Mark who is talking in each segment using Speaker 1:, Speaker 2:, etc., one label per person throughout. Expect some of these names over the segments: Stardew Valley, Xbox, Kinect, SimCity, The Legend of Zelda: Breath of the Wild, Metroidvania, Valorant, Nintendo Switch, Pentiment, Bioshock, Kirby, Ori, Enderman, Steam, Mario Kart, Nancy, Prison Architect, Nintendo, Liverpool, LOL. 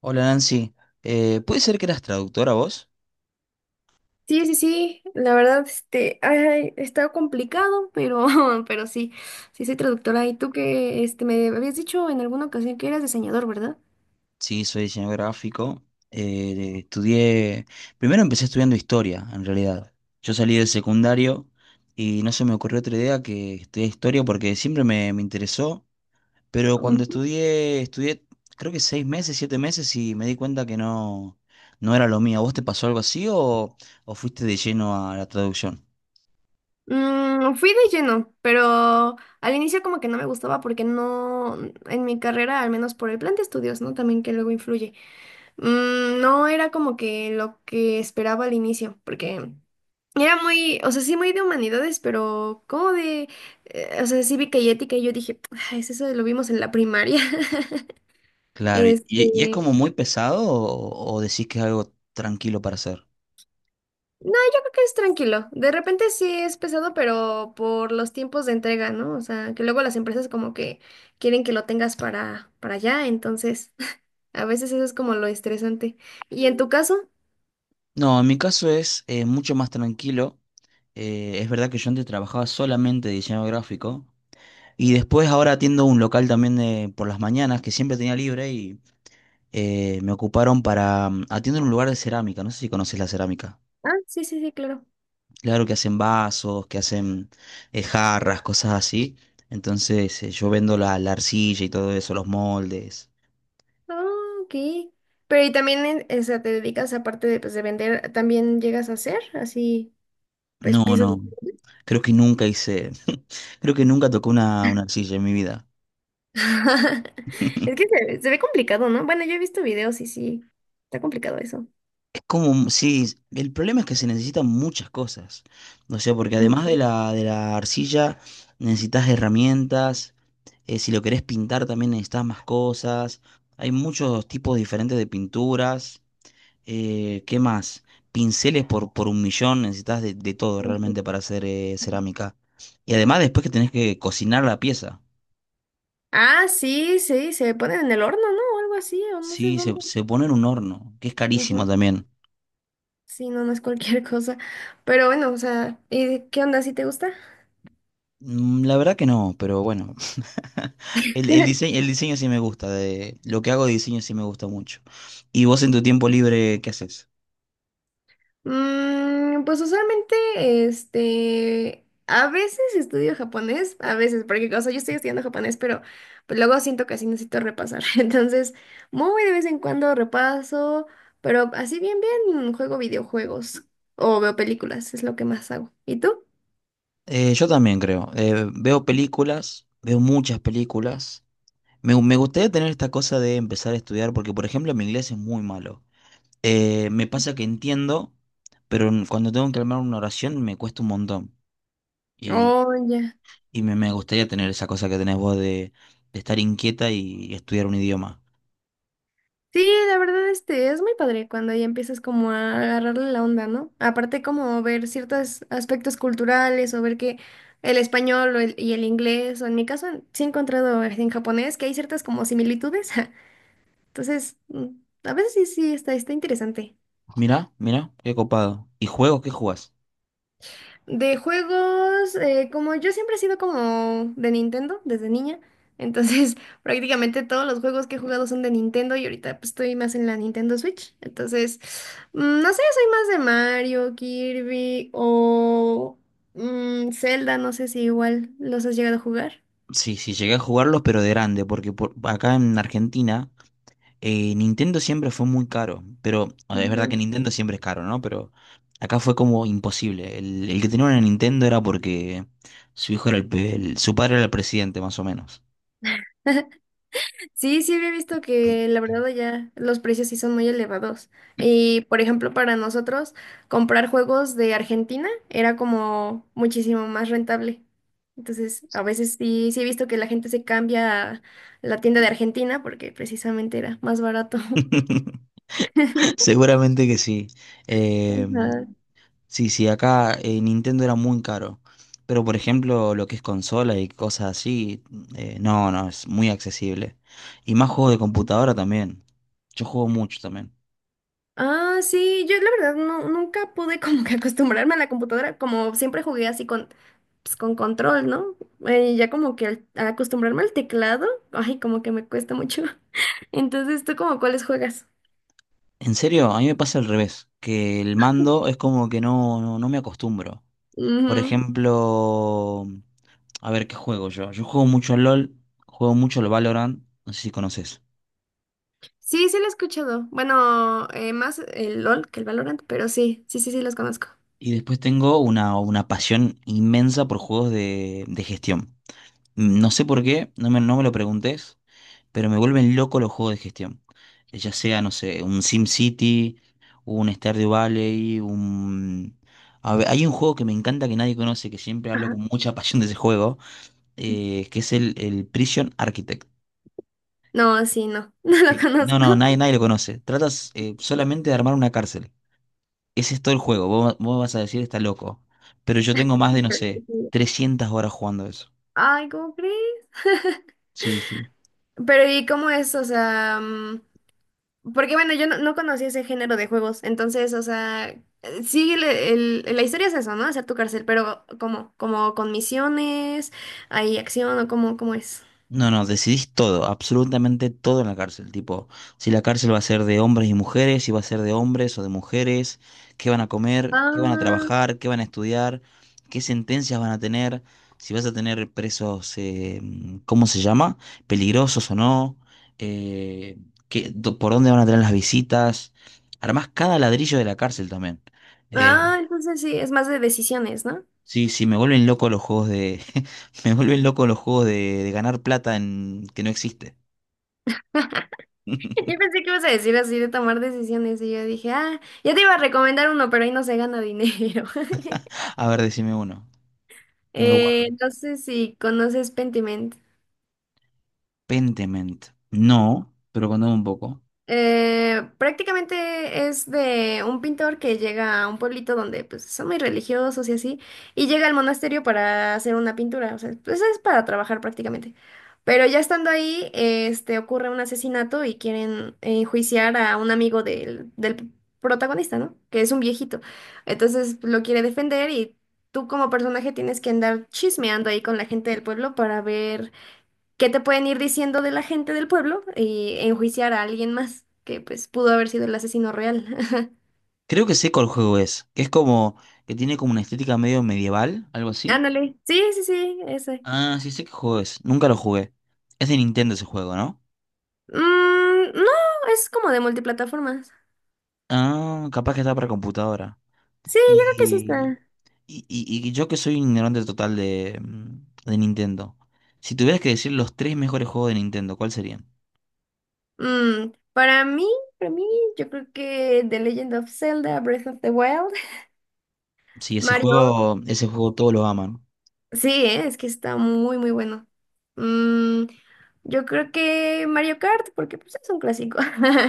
Speaker 1: Hola Nancy. ¿Puede ser que eras traductora vos?
Speaker 2: Sí, sí, sí, la verdad, ay, está complicado, pero, pero sí, sí soy traductora. Y tú que, me habías dicho en alguna ocasión que eras diseñador, ¿verdad?
Speaker 1: Sí, soy diseñador gráfico. Estudié, primero empecé estudiando historia, en realidad. Yo salí del secundario y no se me ocurrió otra idea que estudiar historia porque siempre me interesó, pero cuando
Speaker 2: Ujú.
Speaker 1: estudié creo que 6 meses, 7 meses y me di cuenta que no, no era lo mío. ¿A ¿Vos te pasó algo así o fuiste de lleno a la traducción?
Speaker 2: Fui de lleno, pero al inicio como que no me gustaba porque no, en mi carrera, al menos por el plan de estudios, ¿no? También que luego influye. No era como que lo que esperaba al inicio, porque era muy, o sea, sí muy de humanidades, pero como de, o sea, cívica y ética, y yo dije, "Ay, es eso lo vimos en la primaria."
Speaker 1: Claro, y es
Speaker 2: Este,
Speaker 1: como muy pesado o decís que es algo tranquilo para hacer?
Speaker 2: no, yo creo que es tranquilo. De repente sí es pesado, pero por los tiempos de entrega, ¿no? O sea, que luego las empresas como que quieren que lo tengas para, allá, entonces a veces eso es como lo estresante. ¿Y en tu caso?
Speaker 1: No, en mi caso es mucho más tranquilo. Es verdad que yo antes trabajaba solamente de diseño gráfico y después ahora atiendo un local también por las mañanas que siempre tenía libre y me ocuparon para atiendo en un lugar de cerámica. No sé si conoces la cerámica.
Speaker 2: Ah, sí, sí, sí, claro.
Speaker 1: Claro que hacen vasos, que hacen jarras, cosas así. Entonces yo vendo la arcilla y todo eso, los moldes.
Speaker 2: Ah, ok. Pero y también, en- o sea, te dedicas, aparte de, pues, de vender, ¿también llegas a hacer así? Pues
Speaker 1: No,
Speaker 2: piezas.
Speaker 1: no. Creo que nunca hice, creo que nunca tocó una arcilla en mi vida.
Speaker 2: Es que se ve complicado, ¿no? Bueno, yo he visto videos y sí, está complicado eso.
Speaker 1: Es como, sí, el problema es que se necesitan muchas cosas. O sea, porque además de
Speaker 2: Ujú,
Speaker 1: la arcilla, necesitas herramientas. Si lo querés pintar, también necesitas más cosas. Hay muchos tipos diferentes de pinturas. ¿Qué más? Pinceles por un millón. Necesitas de todo
Speaker 2: ujú.
Speaker 1: realmente para hacer cerámica. Y además, después que tenés que cocinar la pieza.
Speaker 2: Ah, sí, sí, se ponen en el horno, ¿no? O algo así, o no sé
Speaker 1: Sí, se,
Speaker 2: dónde.
Speaker 1: se pone en un horno, que es carísimo
Speaker 2: Ujú.
Speaker 1: también.
Speaker 2: Sí, no, no es cualquier cosa. Pero bueno, o sea, ¿y qué onda, si te gusta?
Speaker 1: La verdad que no, pero bueno. El diseño, el diseño sí me gusta, de lo que hago de diseño sí me gusta mucho. ¿Y vos en tu tiempo libre qué haces?
Speaker 2: Pues usualmente, a veces estudio japonés, a veces, porque, o sea, yo estoy estudiando japonés, pero pues, luego siento que así necesito repasar. Entonces, muy de vez en cuando repaso, pero así bien, bien, juego videojuegos o veo películas, es lo que más hago. ¿Y tú?
Speaker 1: Yo también creo. Veo películas, veo muchas películas. Me gustaría tener esta cosa de empezar a estudiar porque, por ejemplo, mi inglés es muy malo. Me pasa que entiendo, pero cuando tengo que armar una oración me cuesta un montón. Y,
Speaker 2: Oh, ya.
Speaker 1: y me gustaría tener esa cosa que tenés vos de estar inquieta y estudiar un idioma.
Speaker 2: Sí, la verdad, es muy padre cuando ya empiezas como a agarrarle la onda, ¿no? Aparte como ver ciertos aspectos culturales o ver que el español y el inglés, o en mi caso sí he encontrado en japonés que hay ciertas como similitudes. Entonces, a veces sí, sí, está, está interesante.
Speaker 1: Mirá, mirá, qué copado. ¿Y juegos qué jugás?
Speaker 2: De juegos, como yo siempre he sido como de Nintendo desde niña, entonces prácticamente todos los juegos que he jugado son de Nintendo y ahorita pues, estoy más en la Nintendo Switch, entonces no sé, soy más de Mario, Kirby o Zelda, no sé si igual los has llegado a jugar.
Speaker 1: Sí, sí, llegué a jugarlos, pero de grande, porque por, acá en Argentina Nintendo siempre fue muy caro. Pero a ver, es verdad que
Speaker 2: Ujú.
Speaker 1: Nintendo siempre es caro, ¿no? Pero acá fue como imposible. El que tenía una Nintendo era porque su hijo era su padre era el presidente, más o menos.
Speaker 2: Sí, sí había visto que la verdad ya los precios sí son muy elevados. Y por ejemplo, para nosotros comprar juegos de Argentina era como muchísimo más rentable. Entonces, a veces sí, sí he visto que la gente se cambia a la tienda de Argentina porque precisamente era más barato.
Speaker 1: Seguramente que sí. Eh,
Speaker 2: Ajá.
Speaker 1: Sí, sí, acá Nintendo era muy caro. Pero por ejemplo, lo que es consola y cosas así, no, no, es muy accesible. Y más juegos de computadora también. Yo juego mucho también.
Speaker 2: Ah, sí, yo la verdad no, nunca pude como que acostumbrarme a la computadora, como siempre jugué así con, pues, con control, ¿no? Ya como que al acostumbrarme al teclado, ay, como que me cuesta mucho. Entonces, ¿tú como cuáles juegas?
Speaker 1: En serio, a mí me pasa al revés, que el mando es como que no, no, no me acostumbro. Por
Speaker 2: Ujú.
Speaker 1: ejemplo, a ver qué juego yo. Yo juego mucho al LOL, juego mucho al Valorant, no sé si conoces.
Speaker 2: Sí, sí lo he escuchado. Bueno, más el LOL que el Valorant, pero sí, sí, sí, sí los conozco.
Speaker 1: Y después tengo una pasión inmensa por juegos de gestión. No sé por qué, no me lo preguntes, pero me vuelven loco los juegos de gestión. Ya sea, no sé, un SimCity, un Stardew Valley, un... A ver, hay un juego que me encanta que nadie conoce, que siempre hablo
Speaker 2: Ajá.
Speaker 1: con mucha pasión de ese juego, que es el Prison Architect.
Speaker 2: No, sí, no, no lo conozco.
Speaker 1: No, no, nadie, nadie lo conoce. Tratas solamente de armar una cárcel. Ese es todo el juego. Vos, vos vas a decir, está loco. Pero yo tengo más de, no
Speaker 2: Pero
Speaker 1: sé,
Speaker 2: sí.
Speaker 1: 300 horas jugando eso.
Speaker 2: Ay, ¿cómo crees?
Speaker 1: Sí, sí.
Speaker 2: Pero ¿y cómo es? O sea, porque bueno, yo no, no conocía ese género de juegos, entonces, o sea, sí, la historia es eso, ¿no? Hacer tu cárcel, pero como, como con misiones, ¿hay acción o cómo, cómo es?
Speaker 1: No, no, decidís todo, absolutamente todo en la cárcel, tipo, si la cárcel va a ser de hombres y mujeres, si va a ser de hombres o de mujeres, qué van a comer, qué van a
Speaker 2: Ah,
Speaker 1: trabajar, qué van a estudiar, qué sentencias van a tener, si vas a tener presos, ¿cómo se llama? Peligrosos o no, eh, por dónde van a tener las visitas, armás cada ladrillo de la cárcel también. Eh,
Speaker 2: ah, entonces sí, es más de decisiones, ¿no?
Speaker 1: sí, sí, me vuelven loco los juegos de, me vuelven loco los juegos de ganar plata en, que no existe.
Speaker 2: Yo pensé que ibas a decir así de tomar decisiones y yo dije, ah, ya te iba a recomendar uno, pero ahí no se gana dinero.
Speaker 1: A ver, decime uno. Me lo guardo.
Speaker 2: No sé si conoces Pentiment.
Speaker 1: Pentiment. No, pero contame un poco.
Speaker 2: Prácticamente es de un pintor que llega a un pueblito donde pues son muy religiosos y así, y llega al monasterio para hacer una pintura, o sea, pues es para trabajar prácticamente. Pero ya estando ahí, ocurre un asesinato y quieren enjuiciar a un amigo del protagonista, ¿no? Que es un viejito. Entonces pues, lo quiere defender y tú como personaje tienes que andar chismeando ahí con la gente del pueblo para ver qué te pueden ir diciendo de la gente del pueblo. Y enjuiciar a alguien más que pues pudo haber sido el asesino real.
Speaker 1: Creo que sé cuál juego es. Que es como. Que tiene como una estética medio medieval, algo así.
Speaker 2: Ándale. Sí, sí, sí, ese.
Speaker 1: Ah, sí sé qué juego es. Nunca lo jugué. Es de Nintendo ese juego, ¿no?
Speaker 2: Mm, no, es como de multiplataformas.
Speaker 1: Ah, capaz que está para computadora.
Speaker 2: Sí, yo creo que sí
Speaker 1: Y.
Speaker 2: está.
Speaker 1: Y yo que soy un ignorante total de, de Nintendo. Si tuvieras que decir los tres mejores juegos de Nintendo, ¿cuáles serían?
Speaker 2: Mm, para mí, para mí, yo creo que The Legend of Zelda, Breath of the Wild.
Speaker 1: Sí,
Speaker 2: Mario,
Speaker 1: ese juego todos lo aman.
Speaker 2: sí, es que está muy, muy bueno. Mm, yo creo que Mario Kart, porque pues es un clásico.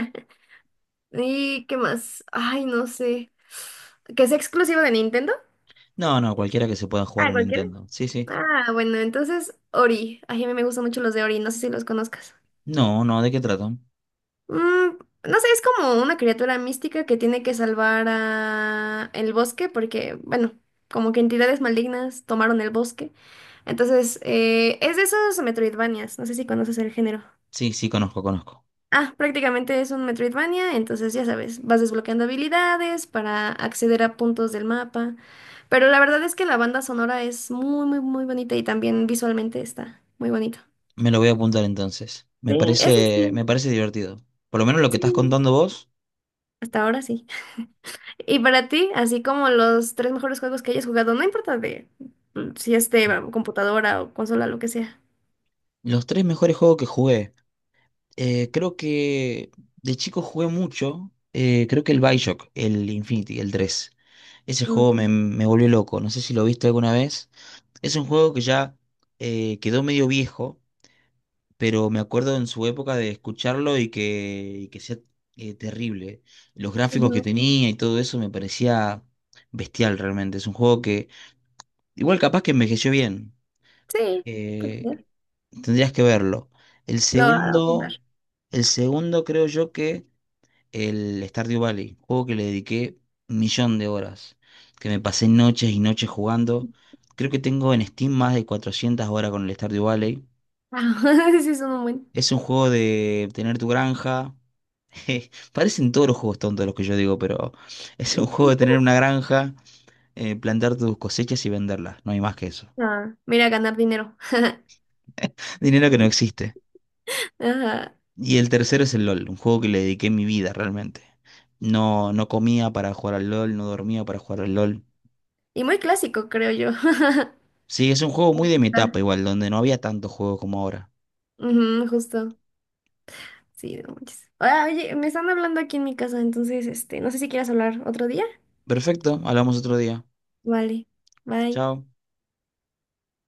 Speaker 2: ¿Y qué más? Ay, no sé. ¿Que es exclusivo de Nintendo?
Speaker 1: No, no, cualquiera que se pueda jugar
Speaker 2: Ah,
Speaker 1: en
Speaker 2: cualquiera.
Speaker 1: Nintendo. Sí, sí.
Speaker 2: Ah, bueno, entonces Ori. Ay, a mí me gustan mucho los de Ori, no sé si los conozcas.
Speaker 1: No, no, ¿de qué tratan?
Speaker 2: Mm, no sé, es como una criatura mística que tiene que salvar a el bosque porque, bueno, como que entidades malignas tomaron el bosque. Entonces, es de esos Metroidvanias, no sé si conoces el género.
Speaker 1: Sí, sí, conozco, conozco.
Speaker 2: Ah, prácticamente es un Metroidvania, entonces ya sabes, vas desbloqueando habilidades para acceder a puntos del mapa. Pero la verdad es que la banda sonora es muy, muy, muy bonita y también visualmente está muy bonito.
Speaker 1: Me lo voy a apuntar entonces.
Speaker 2: Sí, ese sí,
Speaker 1: Me parece divertido. Por lo menos lo que estás
Speaker 2: sí,
Speaker 1: contando vos,
Speaker 2: hasta ahora sí. Y para ti, así como los tres mejores juegos que hayas jugado, no importa de si es de computadora o consola, lo que sea.
Speaker 1: los tres mejores juegos que jugué. Creo que de chico jugué mucho. Creo que el Bioshock, el Infinity, el 3. Ese
Speaker 2: Mm,
Speaker 1: juego me volvió loco. No sé si lo viste alguna vez. Es un juego que ya quedó medio viejo. Pero me acuerdo en su época de escucharlo y que sea terrible. Los gráficos que
Speaker 2: ujú,
Speaker 1: tenía y todo eso me parecía bestial realmente. Es un juego que igual capaz que envejeció bien.
Speaker 2: sí, pues ya,
Speaker 1: eh, Tendrías que verlo. El
Speaker 2: lo voy a apuntar.
Speaker 1: segundo, el segundo creo yo que el Stardew Valley, juego que le dediqué un millón de horas, que me pasé noches y noches jugando. Creo que tengo en Steam más de 400 horas con el Stardew Valley.
Speaker 2: Ah, sí, son un buen.
Speaker 1: Es un juego de tener tu granja. Parecen todos los juegos tontos los que yo digo, pero es un juego de tener una granja, plantar tus cosechas y venderlas. No hay más que eso.
Speaker 2: Ah, mira, ganar dinero.
Speaker 1: Dinero que no existe.
Speaker 2: Ajá.
Speaker 1: Y el tercero es el LOL, un juego que le dediqué mi vida realmente. No, no comía para jugar al LOL, no dormía para jugar al LOL.
Speaker 2: Y muy clásico, creo yo.
Speaker 1: Sí, es un juego muy de mi
Speaker 2: Ah,
Speaker 1: etapa igual, donde no había tantos juegos como ahora.
Speaker 2: ujú, justo. Sí, no manches. Ah, oye, me están hablando aquí en mi casa, entonces, no sé si quieras hablar otro día.
Speaker 1: Perfecto, hablamos otro día.
Speaker 2: Vale. Bye.
Speaker 1: Chao.